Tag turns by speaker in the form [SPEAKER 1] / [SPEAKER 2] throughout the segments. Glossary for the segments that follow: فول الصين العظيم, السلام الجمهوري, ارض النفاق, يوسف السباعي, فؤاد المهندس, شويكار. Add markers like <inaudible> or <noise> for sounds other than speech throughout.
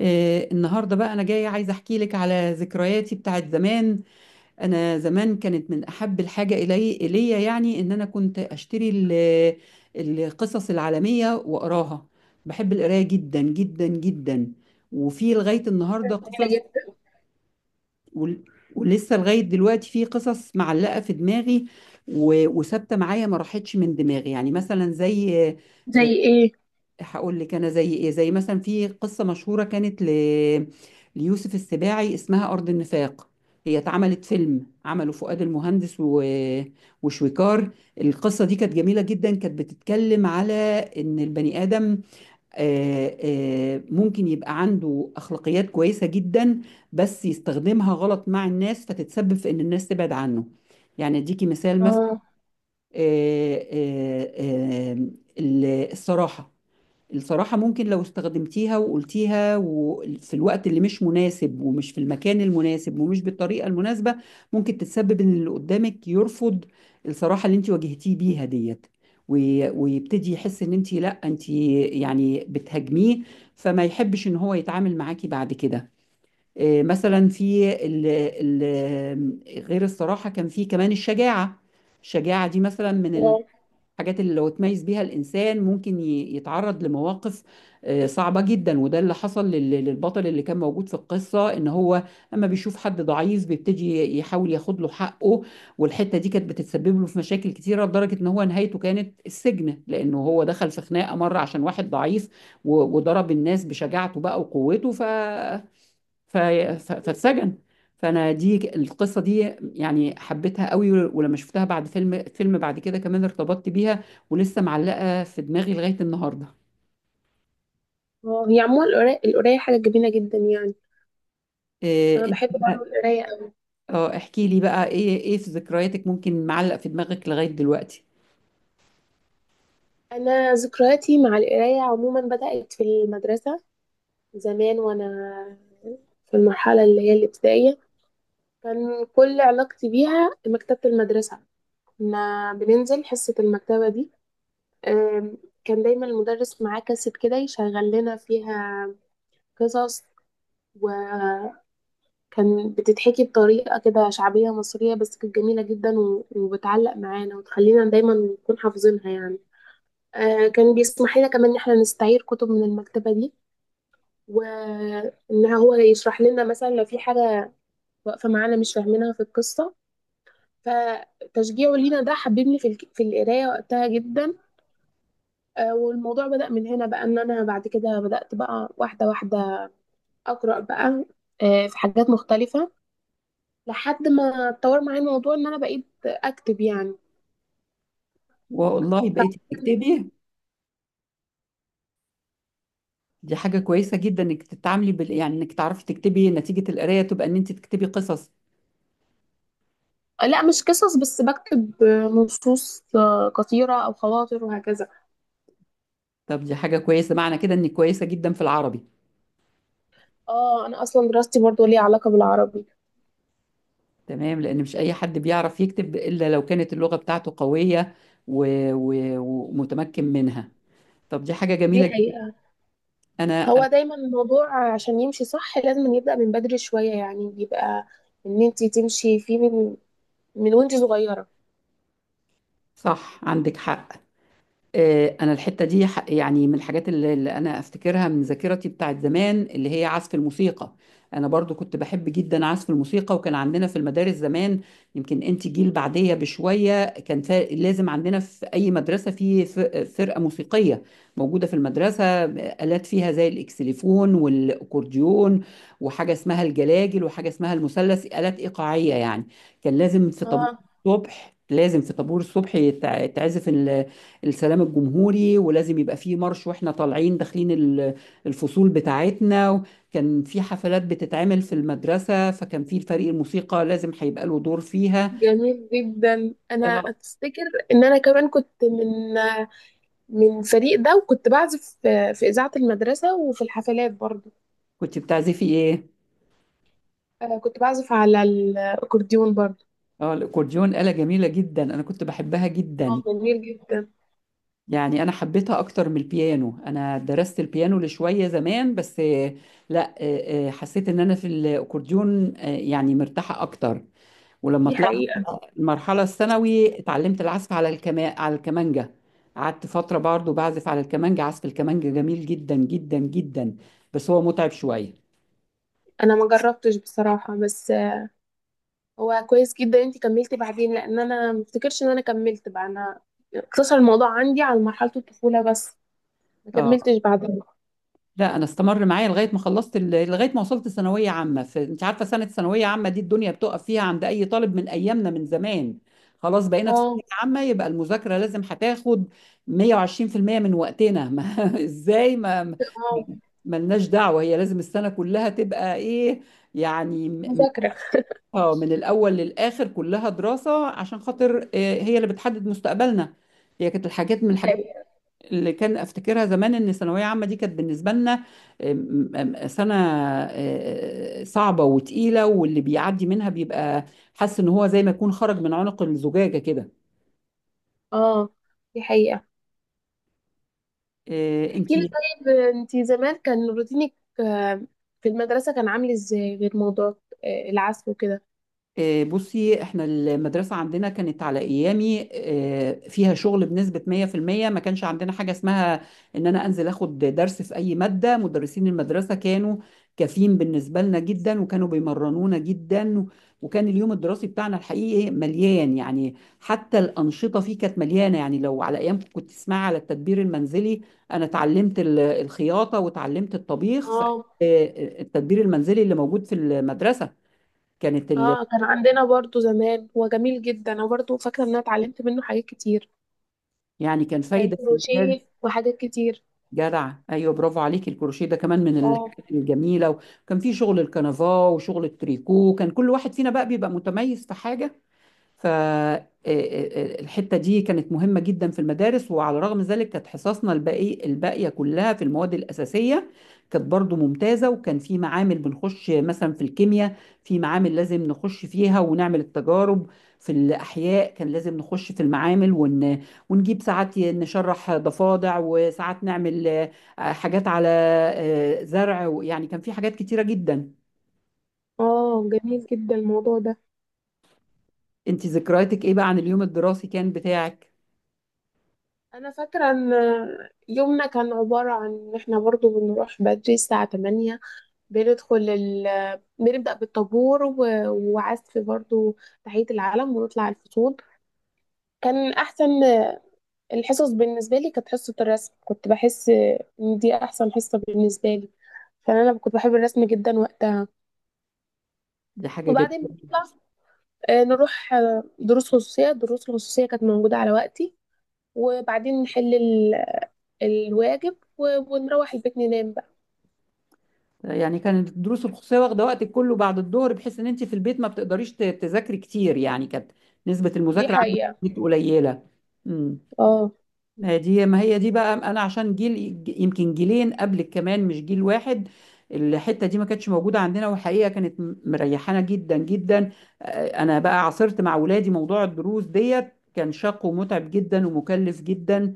[SPEAKER 1] النهارده بقى انا جايه عايزه احكي لك على ذكرياتي بتاعت زمان. انا زمان كانت من احب الحاجه الي اليا، يعني ان انا كنت اشتري القصص العالميه واقراها. بحب القرايه جدا جدا جدا. وفي لغايه النهارده قصص
[SPEAKER 2] جميلة جدا.
[SPEAKER 1] ول- ولسه لغايه دلوقتي في قصص معلقه في دماغي وثابته معايا، ما راحتش من دماغي، يعني مثلا زي
[SPEAKER 2] زي ايه؟
[SPEAKER 1] هقول لك انا زي ايه. زي مثلا في قصه مشهوره كانت ليوسف السباعي اسمها ارض النفاق. هي اتعملت فيلم، عمله فؤاد المهندس وشويكار. القصه دي كانت جميله جدا، كانت بتتكلم على ان البني ادم، آه، ممكن يبقى عنده اخلاقيات كويسه جدا، بس يستخدمها غلط مع الناس فتتسبب في ان الناس تبعد عنه. يعني اديكي مثال.
[SPEAKER 2] اه،
[SPEAKER 1] الصراحة، الصراحة ممكن لو استخدمتيها وقلتيها وفي الوقت اللي مش مناسب ومش في المكان المناسب ومش بالطريقة المناسبة، ممكن تتسبب ان اللي قدامك يرفض الصراحة اللي انت واجهتيه بيها ديت، ويبتدي يحس ان انت، لا انت يعني بتهاجميه، فما يحبش ان هو يتعامل معاكي بعد كده. مثلا في ال غير الصراحة كان في كمان الشجاعة. الشجاعة دي مثلا من
[SPEAKER 2] اه،
[SPEAKER 1] الحاجات اللي لو تميز بيها الإنسان ممكن يتعرض لمواقف صعبة جدا. وده اللي حصل للبطل اللي كان موجود في القصة، إن هو أما بيشوف حد ضعيف بيبتدي يحاول ياخد له حقه، والحتة دي كانت بتتسبب له في مشاكل كتيرة، لدرجة إن هو نهايته كانت السجن، لأنه هو دخل في خناقة مرة عشان واحد ضعيف وضرب الناس بشجاعته بقى وقوته فاتسجن. فانا دي القصه دي يعني حبيتها قوي، ولما شفتها بعد فيلم بعد كده كمان ارتبطت بيها ولسه معلقه في دماغي لغايه النهارده.
[SPEAKER 2] اه. هي عموما القراية القراية حاجة جميلة جدا يعني. انا
[SPEAKER 1] إيه انت
[SPEAKER 2] بحب
[SPEAKER 1] بقى؟
[SPEAKER 2] برضه القراية قوي.
[SPEAKER 1] اه، احكي لي بقى، ايه في ذكرياتك ممكن معلق في دماغك لغايه دلوقتي؟
[SPEAKER 2] انا ذكرياتي مع القراية عموما بدأت في المدرسة زمان، وانا في المرحلة اللي هي الابتدائية كان كل علاقتي بيها مكتبة المدرسة. كنا بننزل حصة المكتبة دي. آم، كان دايما المدرس معاه كاسيت كده يشغل لنا فيها قصص، كان بتتحكي بطريقة كده شعبية مصرية بس كانت جميلة جدا وبتعلق معانا وتخلينا دايما نكون حافظينها يعني. آه، كان بيسمح لنا كمان ان احنا نستعير كتب من المكتبة دي، وان هو يشرح لنا مثلا لو في حاجة واقفة معانا مش فاهمينها في القصة. فتشجيعه لينا ده حببني في في القراية وقتها جدا. آه، والموضوع بدأ من هنا بقى، ان انا بعد كده بدأت بقى واحدة واحدة أقرأ بقى، آه، في حاجات مختلفة، لحد ما اتطور معايا الموضوع ان انا بقيت اكتب يعني.
[SPEAKER 1] والله،
[SPEAKER 2] ف-
[SPEAKER 1] بقيتي بتكتبي؟ دي حاجه كويسه جدا انك تتعاملي يعني انك تعرفي تكتبي نتيجه القرايه، تبقى ان انت تكتبي قصص.
[SPEAKER 2] لا، مش قصص بس، بكتب نصوص قصيرة او خواطر وهكذا.
[SPEAKER 1] طب دي حاجه كويسه، معنى كده انك كويسه جدا في العربي.
[SPEAKER 2] اه، انا اصلا دراستي برضو ليها علاقة بالعربي.
[SPEAKER 1] تمام، لأن مش أي حد بيعرف يكتب إلا لو كانت اللغة بتاعته قوية و... ومتمكن منها. طب دي حاجة
[SPEAKER 2] دي
[SPEAKER 1] جميلة جدا.
[SPEAKER 2] حقيقة.
[SPEAKER 1] أنا،
[SPEAKER 2] هو دايما الموضوع عشان يمشي صح لازم يبدأ من بدري شوية، يعني بيبقى ان انتي تمشي فيه من وانتي صغيرة.
[SPEAKER 1] صح، عندك حق. انا الحته دي يعني من الحاجات اللي انا افتكرها من ذاكرتي بتاعت زمان اللي هي عزف الموسيقى. انا برضو كنت بحب جدا عزف الموسيقى، وكان عندنا في المدارس زمان، يمكن انت جيل بعديه بشويه، كان لازم عندنا في اي مدرسه فرقه موسيقيه موجوده في المدرسه، آلات فيها زي الاكسليفون والاكورديون وحاجه اسمها الجلاجل وحاجه اسمها المثلث، آلات ايقاعيه يعني. كان لازم في طابور
[SPEAKER 2] اه،
[SPEAKER 1] الصبح لازم في طابور الصبح تعزف السلام الجمهوري، ولازم يبقى فيه مارش واحنا طالعين داخلين الفصول بتاعتنا. كان في حفلات بتتعمل في المدرسة، فكان في الفريق الموسيقى لازم هيبقى له دور فيها.
[SPEAKER 2] جميل جدا. انا
[SPEAKER 1] آه،
[SPEAKER 2] افتكر ان انا كمان كنت من الفريق ده، وكنت بعزف في اذاعه المدرسه وفي الحفلات برضه.
[SPEAKER 1] كنت بتعزفي ايه؟
[SPEAKER 2] كنت بعزف على الأكورديون برضه.
[SPEAKER 1] اه، الاكورديون آلة جميلة جدا، انا كنت بحبها جدا.
[SPEAKER 2] اه، جميل جدا.
[SPEAKER 1] يعني انا حبيتها اكتر من البيانو. انا درست البيانو لشوية زمان، بس لا، حسيت ان انا في الاكورديون، يعني مرتاحة اكتر. ولما
[SPEAKER 2] دي
[SPEAKER 1] طلعت
[SPEAKER 2] حقيقة.
[SPEAKER 1] المرحلة الثانوي اتعلمت العزف على على الكمانجة. قعدت فترة برضو بعزف على الكمانجة. عزف الكمانجة جميل جدا جدا جدا، بس هو متعب شوية.
[SPEAKER 2] أنا ما جربتش بصراحة، بس هو كويس جدا. أنتي كملتي بعدين، لأن أنا ما افتكرش إن أنا كملت بقى. أنا اقتصر الموضوع عندي على مرحلة الطفولة بس، ما
[SPEAKER 1] اه،
[SPEAKER 2] كملتش بعدها.
[SPEAKER 1] لا انا استمر معايا لغاية ما خلصت لغاية ما وصلت ثانوية عامة. انت عارفة سنة ثانوية عامة دي الدنيا بتقف فيها عند اي طالب من ايامنا من زمان. خلاص، بقينا في ثانوية
[SPEAKER 2] اه.
[SPEAKER 1] عامة، يبقى المذاكرة لازم هتاخد 120% من وقتنا. ما... <laughs> ازاي؟
[SPEAKER 2] اه.
[SPEAKER 1] ما- ملناش دعوة، هي لازم السنة كلها تبقى ايه يعني؟
[SPEAKER 2] مذاكرة.
[SPEAKER 1] اه، من الاول للاخر كلها دراسه عشان خاطر، هي اللي بتحدد مستقبلنا. هي كانت الحاجات، من
[SPEAKER 2] دي
[SPEAKER 1] الحاجات
[SPEAKER 2] حقيقة.
[SPEAKER 1] اللي كان افتكرها زمان، ان الثانويه عامه دي كانت بالنسبه لنا آم، آم، سنه صعبه وتقيله، واللي بيعدي منها بيبقى حاسس ان هو زي ما يكون خرج من عنق الزجاجه كده.
[SPEAKER 2] اه، دي حقيقة. احكي
[SPEAKER 1] انت
[SPEAKER 2] لي طيب، أنتي زمان كان روتينك آه، في المدرسة كان عامل إزاي، غير موضوع العزف وكده؟
[SPEAKER 1] بصي، احنا المدرسة عندنا كانت على ايامي، فيها شغل بنسبة 100%. ما كانش عندنا حاجة اسمها ان انا انزل اخد درس في اي مادة. مدرسين المدرسة كانوا كافيين بالنسبة لنا جدا، وكانوا بيمرنونا جدا، وكان اليوم الدراسي بتاعنا الحقيقي مليان يعني. حتى الأنشطة فيه كانت مليانة يعني. لو على ايامكم، كنت تسمعي على التدبير المنزلي؟ انا اتعلمت الخياطة وتعلمت الطبيخ
[SPEAKER 2] اه.
[SPEAKER 1] التدبير المنزلي اللي موجود في المدرسة. كانت ال،
[SPEAKER 2] اه، كان عندنا برضو زمان، هو جميل جدا. انا برضو فاكره ان انا اتعلمت منه حاجات كتير.
[SPEAKER 1] يعني كان
[SPEAKER 2] كان
[SPEAKER 1] فايدة في المجال.
[SPEAKER 2] كروشيه وحاجات كتير.
[SPEAKER 1] جدع، ايوه، برافو عليك، الكروشيه ده كمان من
[SPEAKER 2] اه.
[SPEAKER 1] الحاجات الجميله. وكان في شغل الكنفاه وشغل التريكو، كان كل واحد فينا بقى بيبقى متميز في حاجه. فالحتة دي كانت مهمة جدا في المدارس. وعلى رغم ذلك كانت حصصنا الباقي الباقية كلها في المواد الأساسية كانت برضو ممتازة، وكان في معامل بنخش مثلا في الكيمياء، في معامل لازم نخش فيها ونعمل التجارب، في الأحياء كان لازم نخش في المعامل ونجيب ساعات نشرح ضفادع، وساعات نعمل حاجات على زرع. يعني كان في حاجات كتيرة جدا.
[SPEAKER 2] اه، جميل جدا الموضوع ده.
[SPEAKER 1] انت ذكرياتك ايه بقى عن اليوم الدراسي كان بتاعك؟
[SPEAKER 2] انا فاكره ان يومنا كان عباره عن ان احنا برضو بنروح بدري الساعه 8، بنبدا بالطابور وعزف برضو، تحيه العلم، ونطلع الفصول. كان احسن الحصص بالنسبة لي كانت حصة الرسم. كنت بحس إن دي أحسن حصة بالنسبة لي، عشان أنا كنت بحب الرسم جدا وقتها.
[SPEAKER 1] دي حاجة جميلة.
[SPEAKER 2] وبعدين بنطلع، آه، نروح دروس خصوصية. الدروس الخصوصية كانت موجودة على وقتي. وبعدين نحل الواجب ونروح البيت ننام بقى.
[SPEAKER 1] يعني كانت الدروس الخصوصيه واخده وقتك كله بعد الظهر بحيث ان انت في البيت ما بتقدريش تذاكري كتير، يعني كانت نسبه
[SPEAKER 2] دي
[SPEAKER 1] المذاكره عندك
[SPEAKER 2] حقيقة.
[SPEAKER 1] في البيت قليله. امم.
[SPEAKER 2] اه،
[SPEAKER 1] ما هي دي، ما هي دي بقى، انا عشان جيل، يمكن جيلين قبلك كمان مش جيل واحد، الحته دي ما كانتش موجوده عندنا، وحقيقه كانت مريحانا جدا جدا. انا بقى عاصرت مع اولادي موضوع الدروس ديت، كان شاق ومتعب جدا ومكلف جدا.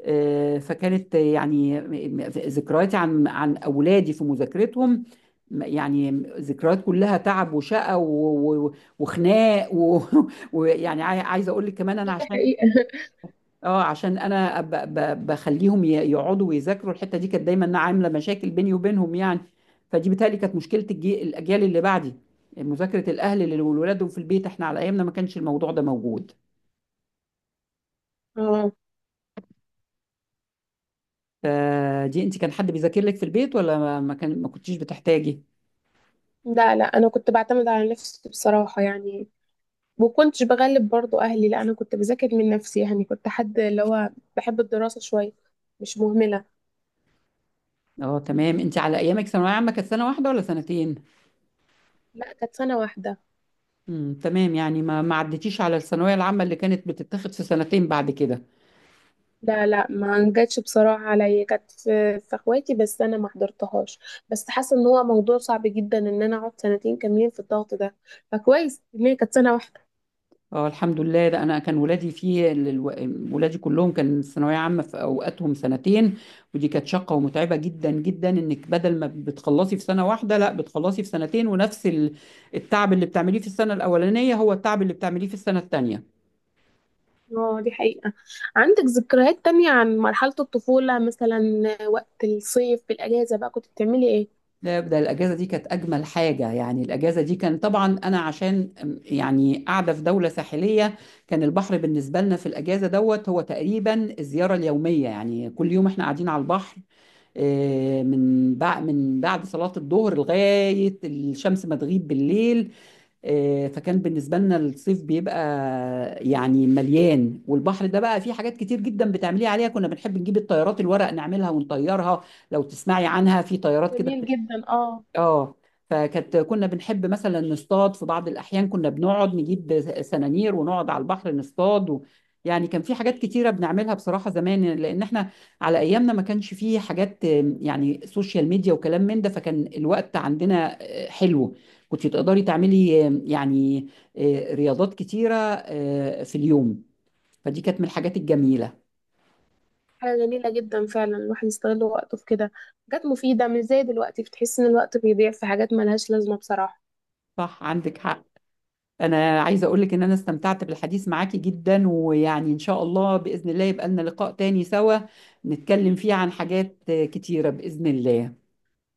[SPEAKER 1] فكانت يعني ذكرياتي عن اولادي في مذاكرتهم، يعني ذكريات كلها تعب وشقى وخناق <laughs> ويعني عايزه اقول لك كمان انا
[SPEAKER 2] دي
[SPEAKER 1] عشان،
[SPEAKER 2] حقيقة. <laughs>
[SPEAKER 1] اه عشان انا بخليهم يقعدوا ويذاكروا، الحته دي كانت دايما عامله مشاكل بيني وبينهم يعني. فدي بتهيألي كانت مشكله الاجيال اللي بعدي، مذاكره الاهل لولادهم في البيت. احنا على ايامنا ما كانش الموضوع ده موجود.
[SPEAKER 2] اه.
[SPEAKER 1] فدي، انت كان حد بيذاكر لك في البيت ولا ما كنتيش بتحتاجي؟
[SPEAKER 2] لا، لا، أنا كنت بعتمد على نفسي بصراحة يعني. وكنتش بغلب برضو أهلي. لا، أنا كنت بذاكر من نفسي يعني. كنت حد اللي هو بحب الدراسة شوية، مش مهملة.
[SPEAKER 1] اه تمام. انت على ايامك ثانويه عامه كانت سنه واحده ولا سنتين؟
[SPEAKER 2] لا، كانت سنة واحدة.
[SPEAKER 1] تمام. يعني ما عدتيش على الثانويه العامه اللي كانت بتتاخد في سنتين بعد كده.
[SPEAKER 2] لا، لا، ما جاتش بصراحة عليا، كانت في اخواتي بس انا ما حضرتهاش. بس حاسة ان هو موضوع صعب جدا ان انا اقعد سنتين كاملين في الضغط ده. فكويس ان هي كانت سنة واحدة.
[SPEAKER 1] اه الحمد لله. ده انا كان ولادي فيه ولادي كلهم كان الثانويه عامه في اوقاتهم سنتين، ودي كانت شاقه ومتعبه جدا جدا، انك بدل ما بتخلصي في سنه واحده لا بتخلصي في سنتين، ونفس التعب اللي بتعمليه في السنه الاولانيه هو التعب اللي بتعمليه في السنه الثانيه.
[SPEAKER 2] اه، دي حقيقة. عندك ذكريات تانية عن مرحلة الطفولة مثلا؟ وقت الصيف في الأجازة بقى كنت بتعملي ايه؟
[SPEAKER 1] لا، ده الأجازة دي كانت أجمل حاجة يعني. الأجازة دي كان طبعا أنا عشان يعني قاعدة في دولة ساحلية، كان البحر بالنسبة لنا في الأجازة دوت هو تقريبا الزيارة اليومية، يعني كل يوم إحنا قاعدين على البحر من بعد صلاة الظهر لغاية الشمس ما تغيب بالليل. فكان بالنسبة لنا الصيف بيبقى يعني مليان، والبحر ده بقى فيه حاجات كتير جدا بتعمليها عليها. كنا بنحب نجيب الطيارات الورق نعملها ونطيرها، لو تسمعي عنها، في طيارات كده.
[SPEAKER 2] جميل جدا. اه.
[SPEAKER 1] اه، فكانت، كنا بنحب مثلا نصطاد، في بعض الأحيان كنا بنقعد نجيب سنانير ونقعد على البحر نصطاد يعني كان في حاجات كتيرة بنعملها بصراحة زمان، لأن احنا على أيامنا ما كانش فيه حاجات يعني سوشيال ميديا وكلام من ده، فكان الوقت عندنا حلو، كنت تقدري تعملي آم، يعني آه، رياضات كتيرة في اليوم. فدي كانت من الحاجات الجميلة.
[SPEAKER 2] حاجة جميلة جدا فعلا، الواحد يستغل وقته في كده حاجات مفيدة. مش زي دلوقتي بتحس ان الوقت بيضيع في حاجات ملهاش لازمة بصراحة.
[SPEAKER 1] صح عندك حق. انا عايزه اقول لك ان انا استمتعت بالحديث معاكي جدا، ويعني ان شاء الله باذن الله يبقى لنا لقاء تاني سوا، نتكلم فيه عن حاجات كتيره باذن الله.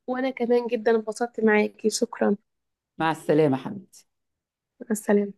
[SPEAKER 2] وانا كمان جدا انبسطت معاكي. شكرا.
[SPEAKER 1] مع السلامه حبيبي.
[SPEAKER 2] مع السلامة.